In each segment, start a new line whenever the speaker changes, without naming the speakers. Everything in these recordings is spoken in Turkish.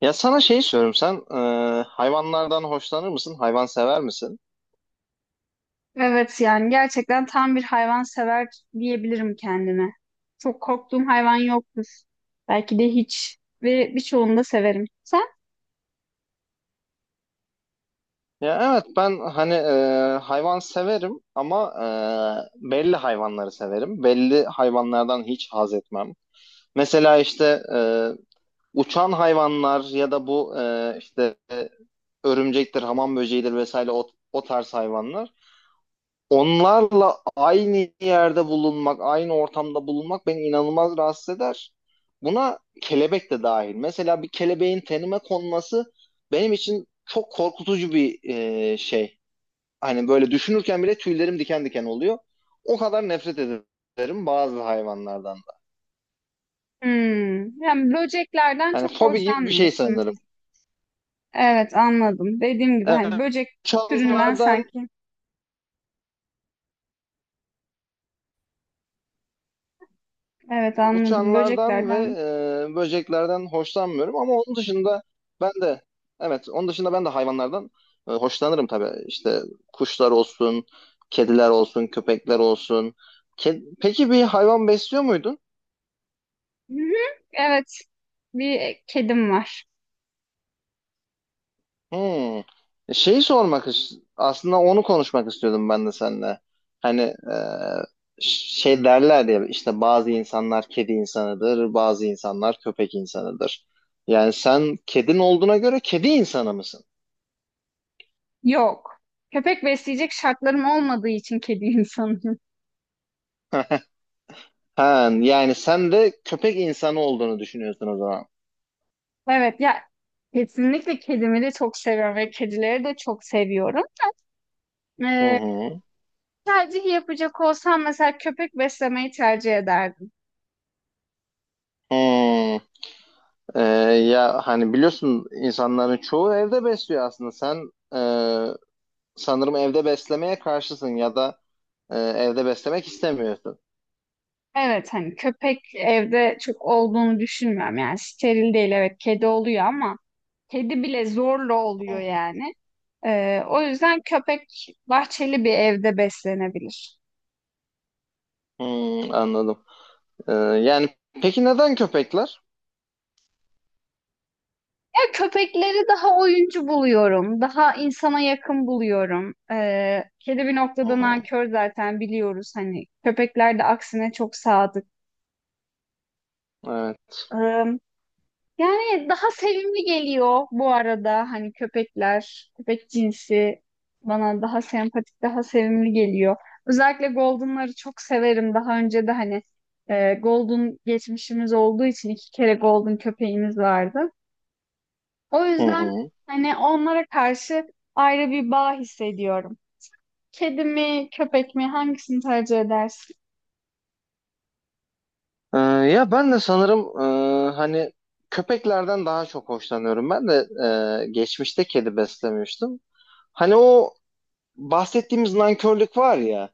Ya sana şey soruyorum, sen hayvanlardan hoşlanır mısın? Hayvan sever misin?
Evet, yani gerçekten tam bir hayvan sever diyebilirim kendime. Çok korktuğum hayvan yoktur. Belki de hiç ve birçoğunu da severim. Sen?
Ya evet, ben hani hayvan severim ama belli hayvanları severim. Belli hayvanlardan hiç haz etmem. Mesela işte uçan hayvanlar ya da bu işte örümcektir, hamam böceğidir vesaire o tarz hayvanlar. Onlarla aynı yerde bulunmak, aynı ortamda bulunmak beni inanılmaz rahatsız eder. Buna kelebek de dahil. Mesela bir kelebeğin tenime konması benim için çok korkutucu bir şey. Hani böyle düşünürken bile tüylerim diken diken oluyor. O kadar nefret ederim bazı hayvanlardan. Da.
Hmm, yani böceklerden
Hani
çok
fobi gibi bir şey
hoşlanmıyorsun.
sanırım.
Evet, anladım. Dediğim gibi hani böcek türünden
Evet.
sanki. Evet, anladım.
Uçanlardan ve
Böceklerden.
böceklerden hoşlanmıyorum, ama onun dışında ben de evet, onun dışında ben de hayvanlardan hoşlanırım tabii. İşte kuşlar olsun, kediler olsun, köpekler olsun. Peki bir hayvan besliyor muydun?
Hı-hı, evet. Bir kedim var.
Hmm. Şeyi sormak aslında onu konuşmak istiyordum ben de seninle. Hani şey derler ya, işte bazı insanlar kedi insanıdır, bazı insanlar köpek insanıdır. Yani sen kedin olduğuna göre kedi insanı mısın?
Yok. Köpek besleyecek şartlarım olmadığı için kedi insanım.
Ha, yani sen de köpek insanı olduğunu düşünüyorsun o zaman.
Evet ya, kesinlikle kedimi de çok seviyorum ve kedileri de çok seviyorum.
Hı
Ee,
hı.
tercih yapacak olsam mesela köpek beslemeyi tercih ederdim.
Hı. Ee, ya hani biliyorsun, insanların çoğu evde besliyor aslında. Sen sanırım evde beslemeye karşısın ya da evde beslemek istemiyorsun.
Evet, hani köpek evde çok olduğunu düşünmüyorum, yani steril değil, evet kedi oluyor ama kedi bile zorla oluyor yani. O yüzden köpek bahçeli bir evde beslenebilir.
Hı, anladım. Yani peki neden köpekler?
Ya köpekleri daha oyuncu buluyorum. Daha insana yakın buluyorum. Kedi bir
Hı
noktada
hı.
nankör, zaten biliyoruz. Hani köpekler de aksine çok sadık.
Evet.
Ee, Yani daha sevimli geliyor bu arada. Hani köpekler, köpek cinsi bana daha sempatik, daha sevimli geliyor. Özellikle Golden'ları çok severim. Daha önce de hani Golden geçmişimiz olduğu için iki kere Golden köpeğimiz vardı. O
Hı
yüzden
hı.
hani onlara karşı ayrı bir bağ hissediyorum. Kedi mi, köpek mi, hangisini tercih edersin?
Ya ben de sanırım hani köpeklerden daha çok hoşlanıyorum. Ben de geçmişte kedi beslemiştim. Hani o bahsettiğimiz nankörlük var ya,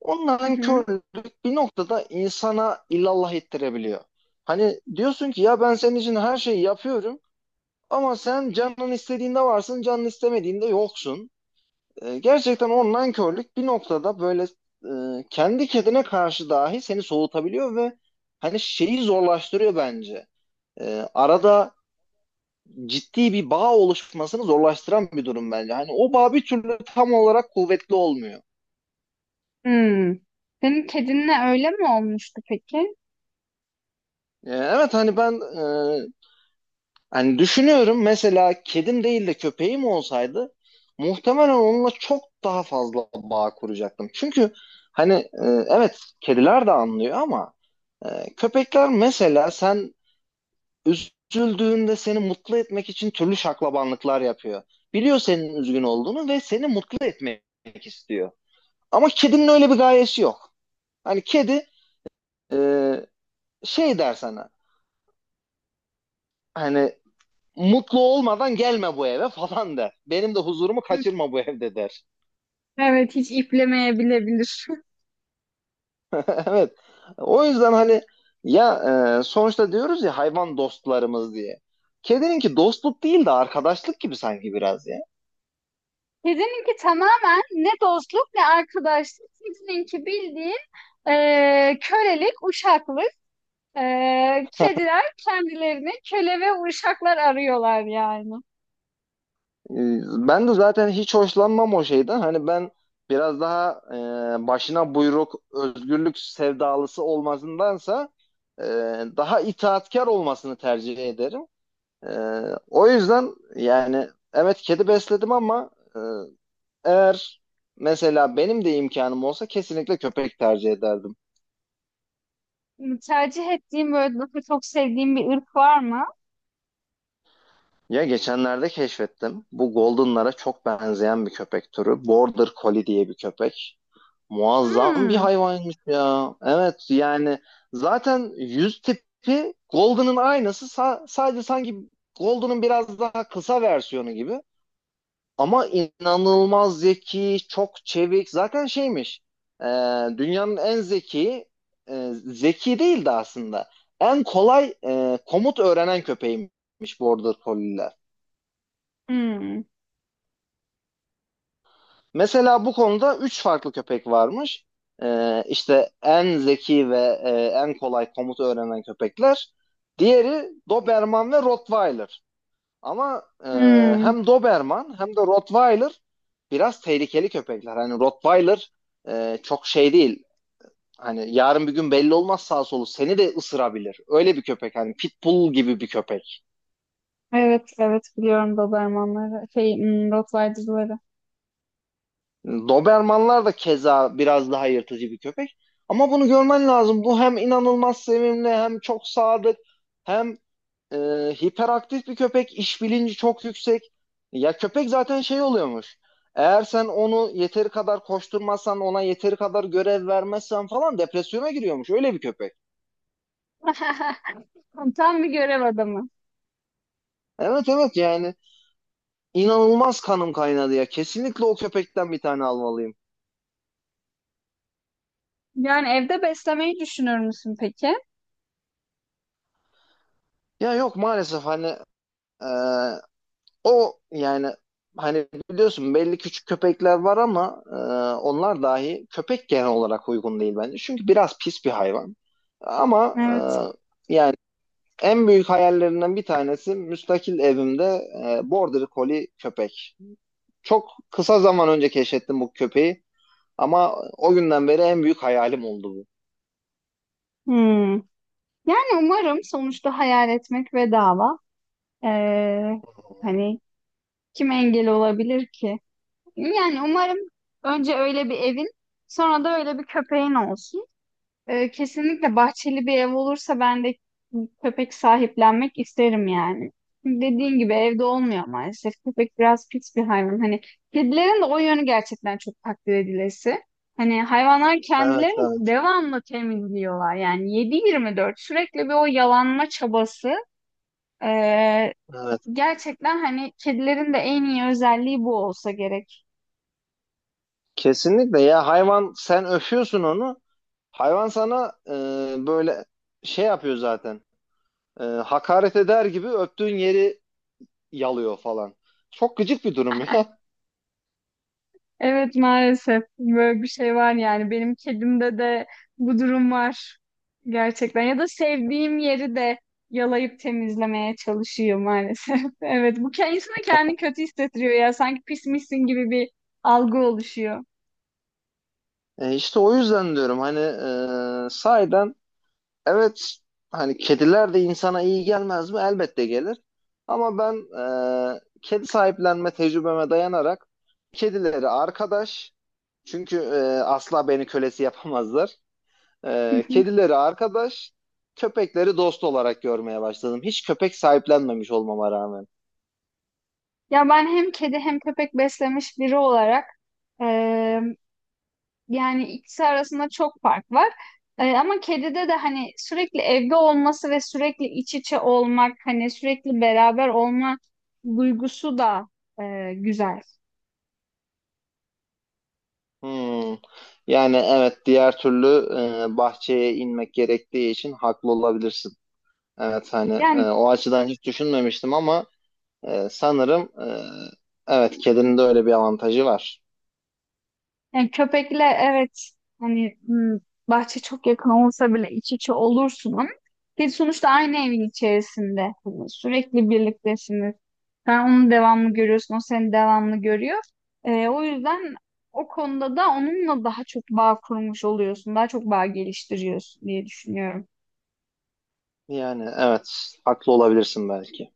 o
Hı hı.
nankörlük bir noktada insana illallah ettirebiliyor. Hani diyorsun ki ya ben senin için her şeyi yapıyorum ama sen canın istediğinde varsın, canın istemediğinde yoksun. Gerçekten online körlük bir noktada böyle kendi kendine karşı dahi seni soğutabiliyor ve hani şeyi zorlaştırıyor bence. Arada ciddi bir bağ oluşmasını zorlaştıran bir durum bence. Hani o bağ bir türlü tam olarak kuvvetli olmuyor.
Hmm. Senin kedinle öyle mi olmuştu peki?
Evet hani e, yani düşünüyorum, mesela kedim değil de köpeğim olsaydı muhtemelen onunla çok daha fazla bağ kuracaktım. Çünkü hani evet kediler de anlıyor ama köpekler mesela sen üzüldüğünde seni mutlu etmek için türlü şaklabanlıklar yapıyor. Biliyor senin üzgün olduğunu ve seni mutlu etmek istiyor. Ama kedinin öyle bir gayesi yok. Hani kedi e, şey der sana, hani mutlu olmadan gelme bu eve falan der. Benim de huzurumu
Hı.
kaçırma bu evde der.
Evet, hiç iplemeyebilebilir.
Evet. O yüzden hani ya sonuçta diyoruz ya hayvan dostlarımız diye. Kedininki dostluk değil de arkadaşlık gibi sanki biraz ya.
Kedininki tamamen ne dostluk ne arkadaşlık. Sizininki bildiğin kölelik, uşaklık. Kediler kendilerini köle ve uşaklar arıyorlar yani.
E, ben de zaten hiç hoşlanmam o şeyden. Hani ben biraz daha başına buyruk, özgürlük sevdalısı olmasındansa e, daha itaatkar olmasını tercih ederim. Ee, o yüzden yani evet kedi besledim ama e, eğer mesela benim de imkanım olsa kesinlikle köpek tercih ederdim.
Hani, tercih ettiğim, böyle daha çok sevdiğim bir ırk var mı?
Ya geçenlerde keşfettim. Bu Golden'lara çok benzeyen bir köpek türü. Border Collie diye bir köpek. Muazzam bir
Hmm.
hayvanmış ya. Evet yani zaten yüz tipi Golden'ın aynısı. Sadece sanki Golden'ın biraz daha kısa versiyonu gibi. Ama inanılmaz zeki, çok çevik. Zaten şeymiş, e, dünyanın en zeki değildi aslında. En kolay komut öğrenen köpeğiymiş Border Collie'ler.
Hmm.
Mesela bu konuda 3 farklı köpek varmış. İşte en zeki ve e, en kolay komut öğrenen köpekler. Diğeri Doberman ve Rottweiler. Ama
Hmm.
hem Doberman hem de Rottweiler biraz tehlikeli köpekler. Hani Rottweiler çok şey değil. Hani yarın bir gün belli olmaz, sağ solu seni de ısırabilir. Öyle bir köpek, hani pitbull gibi bir köpek.
Evet, evet biliyorum Dobermanları, şey, hmm, Rottweiler'ları.
Dobermanlar da keza biraz daha yırtıcı bir köpek. Ama bunu görmen lazım. Bu hem inanılmaz sevimli hem çok sadık hem e, hiperaktif bir köpek, iş bilinci çok yüksek. Ya köpek zaten şey oluyormuş. Eğer sen onu yeteri kadar koşturmazsan, ona yeteri kadar görev vermezsen falan depresyona giriyormuş. Öyle bir köpek.
Tam bir görev adamı.
Evet, yani inanılmaz kanım kaynadı ya. Kesinlikle o köpekten bir tane almalıyım.
Yani evde beslemeyi düşünür müsün peki?
Ya yok maalesef, hani e, o yani hani biliyorsun belli küçük köpekler var ama onlar dahi, köpek genel olarak uygun değil bence. Çünkü biraz pis bir hayvan. Ama
Evet.
e, en büyük hayallerinden bir tanesi müstakil evimde Border Collie köpek. Çok kısa zaman önce keşfettim bu köpeği ama o günden beri en büyük hayalim oldu bu.
Hmm. Yani umarım, sonuçta hayal etmek bedava. Ee, Hani kim engel olabilir ki? Yani umarım önce öyle bir evin, sonra da öyle bir köpeğin olsun. Kesinlikle bahçeli bir ev olursa ben de köpek sahiplenmek isterim yani. Dediğin gibi evde olmuyor maalesef. Köpek biraz pis bir hayvan. Hani kedilerin de o yönü gerçekten çok takdir edilesi. Hani hayvanlar
Evet,
kendilerini
evet,
devamlı temizliyorlar. Yani 7/24 sürekli bir o yalanma çabası. Ee,
evet.
Gerçekten hani kedilerin de en iyi özelliği bu olsa gerek.
Kesinlikle ya, hayvan sen öpüyorsun onu. Hayvan sana böyle şey yapıyor zaten. Hakaret eder gibi öptüğün yeri yalıyor falan. Çok gıcık bir durum ya.
Evet, maalesef böyle bir şey var, yani benim kedimde de bu durum var gerçekten ya da sevdiğim yeri de yalayıp temizlemeye çalışıyor maalesef. Evet, bu ke- insana kendini kötü hissettiriyor, ya sanki pismişsin gibi bir algı oluşuyor.
İşte o yüzden diyorum hani sahiden evet hani kediler de insana iyi gelmez mi? Elbette gelir. Ama ben kedi sahiplenme tecrübeme dayanarak kedileri arkadaş, çünkü asla beni kölesi yapamazlar. Kedileri arkadaş, köpekleri dost olarak görmeye başladım. Hiç köpek sahiplenmemiş olmama rağmen.
Ya ben hem kedi hem köpek beslemiş biri olarak, yani ikisi arasında çok fark var. Ama kedide de hani sürekli evde olması ve sürekli iç içe olmak, hani sürekli beraber olma duygusu da güzel.
Hmm. Yani evet, diğer türlü bahçeye inmek gerektiği için haklı olabilirsin. Evet hani
Yani,
o açıdan hiç düşünmemiştim ama sanırım evet kedinin de öyle bir avantajı var.
yani köpekle, evet, hani hmm, bahçe çok yakın olsa bile iç içe olursun ama bir sonuçta aynı evin içerisinde hani sürekli birliktesiniz. Sen onu devamlı görüyorsun, o seni devamlı görüyor. O yüzden o konuda da onunla daha çok bağ kurmuş oluyorsun, daha çok bağ geliştiriyorsun diye düşünüyorum.
Yani evet, haklı olabilirsin belki.